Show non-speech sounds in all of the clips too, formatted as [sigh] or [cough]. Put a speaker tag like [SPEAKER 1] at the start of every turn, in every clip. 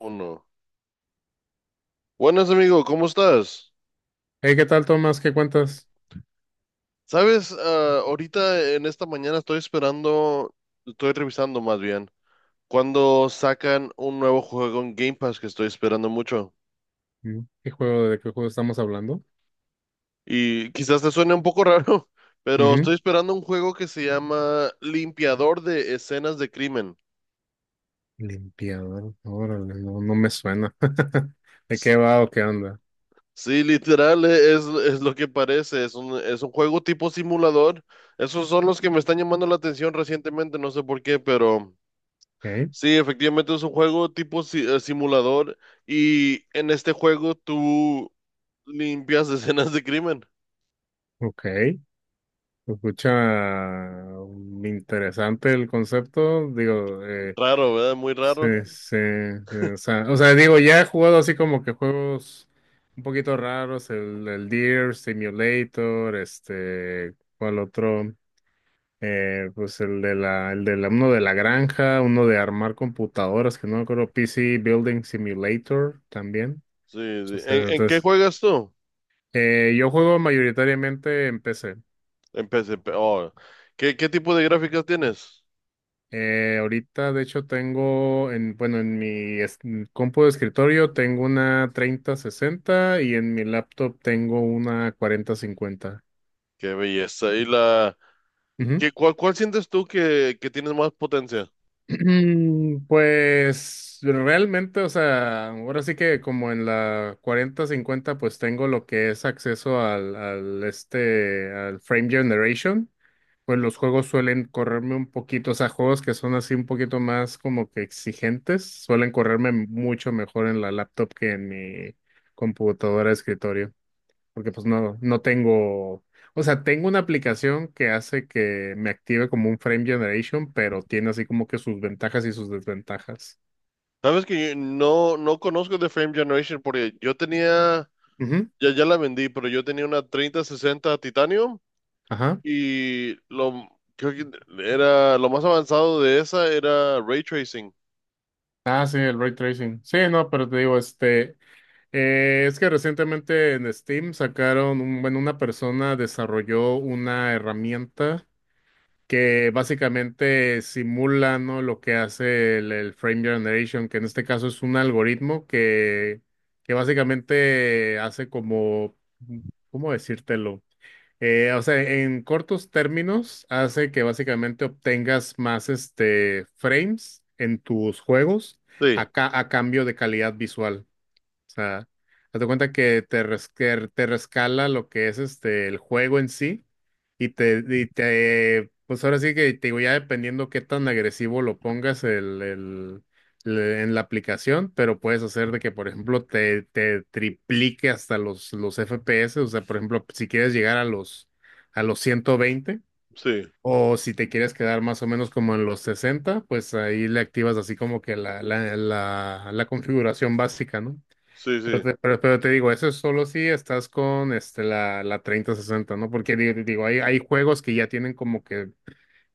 [SPEAKER 1] Uno. Buenas, amigo, ¿cómo estás?
[SPEAKER 2] Hey, ¿qué tal, Tomás? ¿Qué cuentas?
[SPEAKER 1] Sabes, Ah, ahorita en esta mañana estoy revisando más bien, cuando sacan un nuevo juego en Game Pass que estoy esperando mucho.
[SPEAKER 2] ¿Qué juego, de qué juego estamos hablando?
[SPEAKER 1] Y quizás te suene un poco raro, [laughs] pero estoy
[SPEAKER 2] Ujú.
[SPEAKER 1] esperando un juego que se llama Limpiador de Escenas de Crimen.
[SPEAKER 2] Limpiador, órale, no me suena. [laughs] ¿De
[SPEAKER 1] S-
[SPEAKER 2] qué va o qué onda?
[SPEAKER 1] Sí, literal, es lo que parece, es un juego tipo simulador. Esos son los que me están llamando la atención recientemente, no sé por qué, pero...
[SPEAKER 2] Ok,
[SPEAKER 1] Sí, efectivamente es un juego tipo simulador y en este juego tú limpias [laughs] escenas de crimen.
[SPEAKER 2] ok. Se Escucha mm, interesante el concepto. Digo,
[SPEAKER 1] Raro, ¿verdad? Muy raro.
[SPEAKER 2] o sea, digo, ya he jugado así como que juegos un poquito raros, el Deer, Simulator, este, ¿cuál otro? Pues el de la, uno de la granja, uno de armar computadoras, que no me acuerdo, PC Building Simulator también.
[SPEAKER 1] Sí, sí.
[SPEAKER 2] Entonces,
[SPEAKER 1] ¿En qué
[SPEAKER 2] entonces,
[SPEAKER 1] juegas tú?
[SPEAKER 2] yo juego mayoritariamente en PC.
[SPEAKER 1] En PSP. Oh. ¿Qué tipo de gráficas tienes?
[SPEAKER 2] Ahorita, de hecho, tengo bueno, en mi compu de escritorio tengo una 3060 y en mi laptop tengo una 4050.
[SPEAKER 1] Qué belleza. Cuál sientes tú que tienes más potencia?
[SPEAKER 2] Pues realmente, o sea, ahora sí que como en la 4050, pues tengo lo que es acceso al Frame Generation. Pues los juegos suelen correrme un poquito, o sea, juegos que son así un poquito más como que exigentes, suelen correrme mucho mejor en la laptop que en mi computadora de escritorio porque pues no tengo, o sea, tengo una aplicación que hace que me active como un frame generation, pero tiene así como que sus ventajas y sus desventajas.
[SPEAKER 1] Sabes que yo no conozco de Frame Generation porque yo tenía,
[SPEAKER 2] Ujú,
[SPEAKER 1] ya la vendí, pero yo tenía una 3060 Titanium.
[SPEAKER 2] ajá.
[SPEAKER 1] Y lo, Creo que era lo más avanzado de esa era ray tracing.
[SPEAKER 2] Ah, sí, el ray tracing. Sí, no, pero te digo, es que recientemente en Steam sacaron, bueno, una persona desarrolló una herramienta que básicamente simula, ¿no?, lo que hace el Frame Generation, que en este caso es un algoritmo que básicamente hace como, ¿cómo decírtelo? O sea, en cortos términos, hace que básicamente obtengas más este, frames en tus juegos
[SPEAKER 1] Sí,
[SPEAKER 2] a, a cambio de calidad visual. O sea, date cuenta que que te rescala lo que es este el juego en sí y te pues ahora sí que te digo, ya dependiendo qué tan agresivo lo pongas en la aplicación, pero puedes hacer de que, por ejemplo, te triplique hasta los FPS. O sea, por ejemplo, si quieres llegar a los 120
[SPEAKER 1] sí,
[SPEAKER 2] o si te quieres quedar más o menos como en los 60, pues ahí le activas así como que la configuración básica, ¿no?
[SPEAKER 1] sí, sí,
[SPEAKER 2] Pero te digo, eso es solo si estás con este, la 3060, ¿no? Porque digo, hay juegos que ya tienen como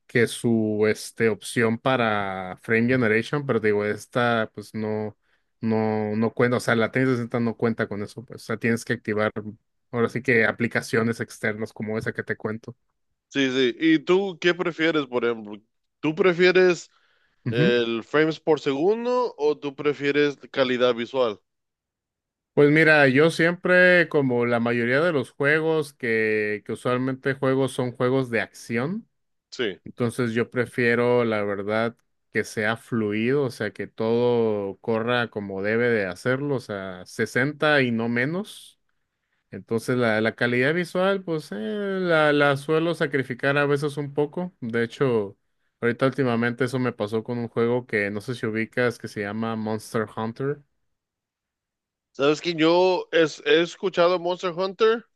[SPEAKER 2] que su este, opción para frame generation, pero te digo, esta pues no cuenta, o sea, la 3060 no cuenta con eso, pues, o sea, tienes que activar ahora sí que aplicaciones externas como esa que te cuento.
[SPEAKER 1] sí, sí. ¿Y tú qué prefieres, por ejemplo? ¿Tú prefieres
[SPEAKER 2] Ujú.
[SPEAKER 1] el frames por segundo o tú prefieres calidad visual?
[SPEAKER 2] Pues mira, yo siempre, como la mayoría de los juegos que usualmente juego son juegos de acción.
[SPEAKER 1] Sí.
[SPEAKER 2] Entonces yo prefiero, la verdad, que sea fluido, o sea, que todo corra como debe de hacerlo, o sea, 60 y no menos. Entonces la calidad visual, pues la suelo sacrificar a veces un poco. De hecho, ahorita últimamente eso me pasó con un juego que no sé si ubicas, que se llama Monster Hunter.
[SPEAKER 1] Sabes que yo he escuchado Monster Hunter,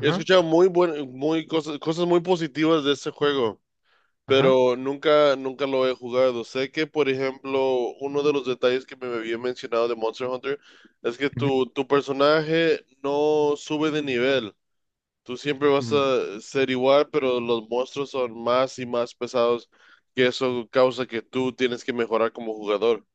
[SPEAKER 1] he escuchado muy cosas muy positivas de este juego.
[SPEAKER 2] ajá,
[SPEAKER 1] Pero nunca lo he jugado. Sé que, por ejemplo, uno de los detalles que me había mencionado de Monster Hunter es que tu personaje no sube de nivel. Tú siempre vas
[SPEAKER 2] ujú.
[SPEAKER 1] a ser igual, pero los monstruos son más y más pesados, que eso causa que tú tienes que mejorar como jugador.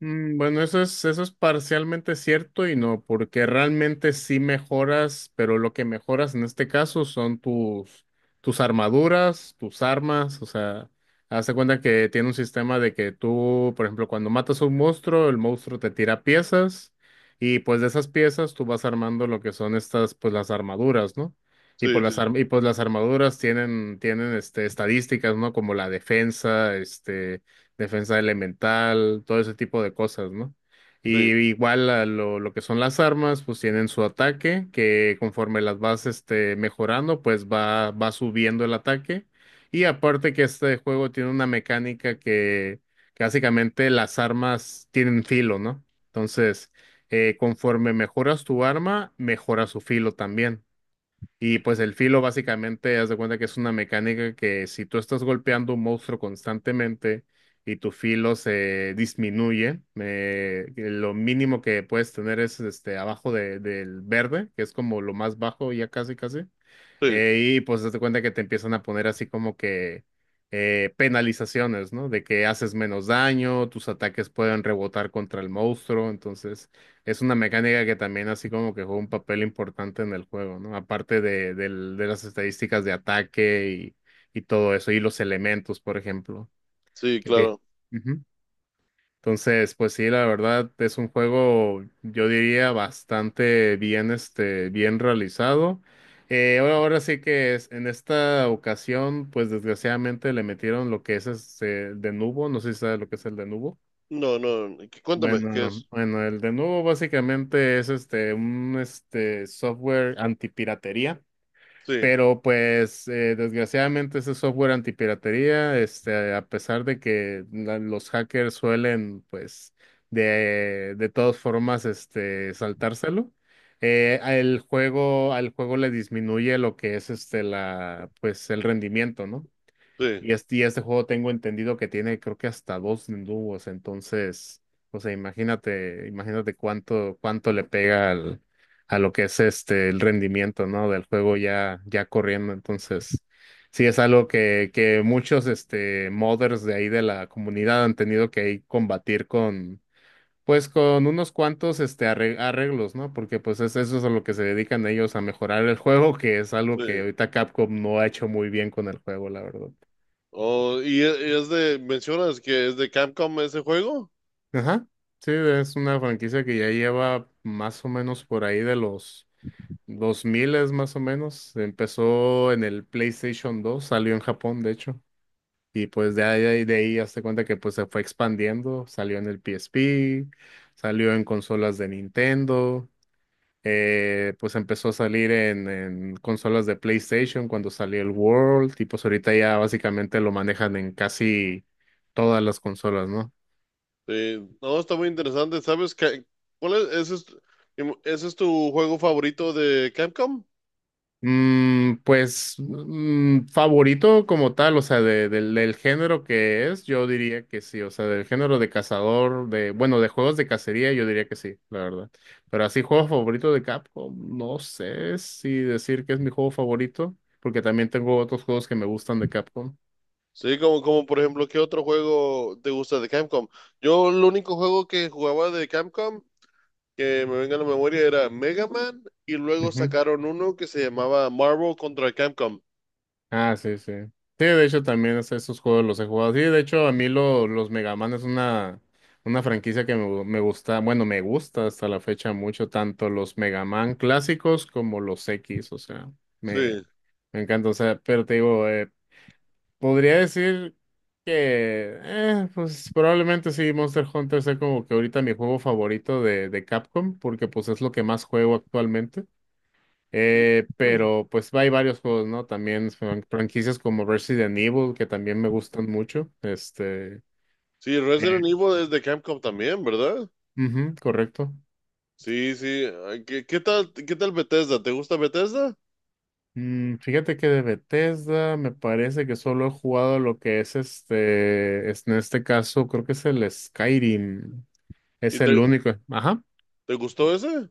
[SPEAKER 2] Bueno, eso es parcialmente cierto y no, porque realmente sí mejoras, pero lo que mejoras en este caso son tus, tus armaduras, tus armas, o sea, haz de cuenta que tiene un sistema de que tú, por ejemplo, cuando matas a un monstruo, el monstruo te tira piezas y pues de esas piezas tú vas armando lo que son estas, pues las armaduras, ¿no? Y
[SPEAKER 1] Sí,
[SPEAKER 2] pues
[SPEAKER 1] sí,
[SPEAKER 2] las armaduras tienen este, estadísticas, ¿no? Como la defensa, este, defensa elemental, todo ese tipo de cosas, ¿no? Y
[SPEAKER 1] sí,
[SPEAKER 2] igual a lo que son las armas, pues tienen su ataque, que conforme las vas este, mejorando, pues va subiendo el ataque. Y aparte que este juego tiene una mecánica que básicamente las armas tienen filo, ¿no? Entonces, conforme mejoras tu arma, mejora su filo también. Y pues el filo básicamente, haz de cuenta que es una mecánica que si tú estás golpeando un monstruo constantemente y tu filo se disminuye, lo mínimo que puedes tener es este abajo del verde, que es como lo más bajo ya casi casi.
[SPEAKER 1] sí,
[SPEAKER 2] Y pues date cuenta que te empiezan a poner así como que penalizaciones, ¿no? De que haces menos daño, tus ataques pueden rebotar contra el monstruo, entonces es una mecánica que también así como que juega un papel importante en el juego, ¿no? Aparte de las estadísticas de ataque y todo eso, y los elementos, por ejemplo.
[SPEAKER 1] sí,
[SPEAKER 2] que te-
[SPEAKER 1] claro.
[SPEAKER 2] entonces, pues sí, la verdad es un juego, yo diría, bastante bien, este, bien realizado. Ahora sí que es, en esta ocasión, pues desgraciadamente le metieron lo que es este, el de nubo, no sé si sabes lo que es el de nubo.
[SPEAKER 1] No, no, cuéntame, ¿qué
[SPEAKER 2] Bueno,
[SPEAKER 1] es?
[SPEAKER 2] bueno, el de nubo básicamente es este, un este, software antipiratería.
[SPEAKER 1] Sí,
[SPEAKER 2] Pero pues desgraciadamente ese software antipiratería, este, a pesar de que los hackers suelen pues de todas formas este, saltárselo, al juego le disminuye lo que es este, pues, el rendimiento, ¿no?
[SPEAKER 1] sí,
[SPEAKER 2] Y este juego tengo entendido que tiene creo que hasta dos dúos, entonces, o sea, imagínate cuánto le pega al, a lo que es este el rendimiento, ¿no?, del juego ya corriendo. Entonces, sí es algo que muchos este modders de ahí de la comunidad han tenido que ahí combatir con, pues con unos cuantos este arreglos, ¿no? Porque pues es, eso es a lo que se dedican ellos a mejorar el juego, que es algo que
[SPEAKER 1] sí.
[SPEAKER 2] ahorita Capcom no ha hecho muy bien con el juego, la verdad.
[SPEAKER 1] Oh, ¿y es de, mencionas que es de Capcom ese juego?
[SPEAKER 2] Ajá, sí, es una franquicia que ya lleva más o menos por ahí de los 2000 más o menos. Empezó en el PlayStation 2, salió en Japón, de hecho. Y pues de ahí hazte cuenta que pues se fue expandiendo. Salió en el PSP, salió en consolas de Nintendo, pues empezó a salir en consolas de PlayStation cuando salió el World. Y pues ahorita ya básicamente lo manejan en casi todas las consolas, ¿no?
[SPEAKER 1] Sí, no, está muy interesante. ¿Sabes qué? ¿Cuál es? ¿Ese es tu juego favorito de Capcom?
[SPEAKER 2] Pues, favorito como tal, o sea, del del género que es, yo diría que sí, o sea, del género de cazador, de, bueno, de juegos de cacería, yo diría que sí, la verdad. Pero así, juego favorito de Capcom, no sé si decir que es mi juego favorito, porque también tengo otros juegos que me gustan de Capcom.
[SPEAKER 1] Sí, como por ejemplo, ¿qué otro juego te gusta de Capcom? Yo el único juego que jugaba de Capcom que me venga a la memoria era Mega Man y luego sacaron uno que se llamaba Marvel contra Capcom.
[SPEAKER 2] Ah, sí, sí. Sí, de hecho también esos juegos los he jugado. Sí, de hecho a mí los Mega Man es una franquicia que me gusta, bueno, me gusta hasta la fecha mucho, tanto los Mega Man clásicos como los X, o sea, me,
[SPEAKER 1] Sí.
[SPEAKER 2] me encanta, o sea, pero te digo, podría decir que pues probablemente sí, Monster Hunter sea como que ahorita mi juego favorito de Capcom, porque pues es lo que más juego actualmente. Pero pues hay varios juegos, ¿no? También franquicias como Resident Evil, que también me gustan mucho. Este,
[SPEAKER 1] Sí, Resident Evil es de Capcom también, ¿verdad?
[SPEAKER 2] ujú, correcto.
[SPEAKER 1] Sí, sí. Ay, ¿Qué tal Bethesda? ¿Te gusta Bethesda?
[SPEAKER 2] Fíjate que de Bethesda me parece que solo he jugado lo que es en este caso creo que es el Skyrim.
[SPEAKER 1] ¿Y
[SPEAKER 2] Es el
[SPEAKER 1] te,
[SPEAKER 2] único. Ajá.
[SPEAKER 1] te gustó ese?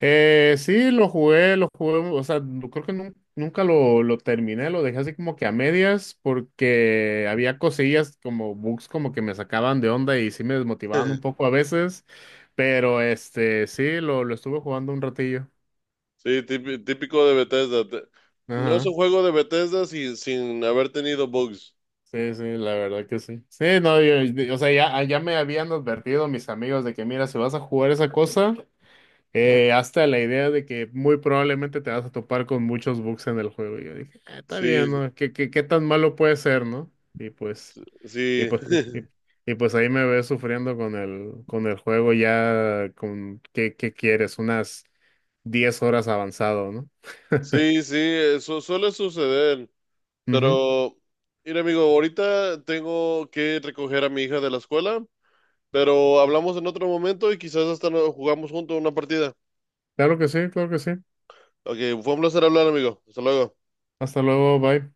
[SPEAKER 2] Sí, lo jugué, o sea, creo que nunca lo terminé, lo dejé así como que a medias porque había cosillas como bugs como que me sacaban de onda y sí me desmotivaban un
[SPEAKER 1] [laughs]
[SPEAKER 2] poco a veces, pero este, sí, lo estuve jugando un ratillo.
[SPEAKER 1] Sí, típico de Bethesda. No es un
[SPEAKER 2] Ajá.
[SPEAKER 1] juego de Bethesda sin haber tenido bugs.
[SPEAKER 2] Sí, sí, la verdad que sí. Sí, no, o sea, ya me habían advertido mis amigos de que, mira, si vas a jugar esa cosa. Hasta la idea de que muy probablemente te vas a topar con muchos bugs en el juego. Y yo dije, "Ah, está
[SPEAKER 1] Sí,
[SPEAKER 2] bien, ¿no? ¿Qué, qué tan malo puede ser, ¿no?" Y pues, y
[SPEAKER 1] sí,
[SPEAKER 2] pues, y, y- y pues ahí me ves sufriendo con el juego ya con, ¿qué, qué quieres? Unas 10 horas avanzado, ¿no? [laughs]
[SPEAKER 1] sí, sí, eso suele suceder.
[SPEAKER 2] Ujú.
[SPEAKER 1] Pero, mira, amigo, ahorita tengo que recoger a mi hija de la escuela, pero hablamos en otro momento y quizás hasta jugamos juntos una partida.
[SPEAKER 2] Claro que sí, claro que sí.
[SPEAKER 1] Ok, fue un placer hablar, amigo. Hasta luego.
[SPEAKER 2] Hasta luego, bye.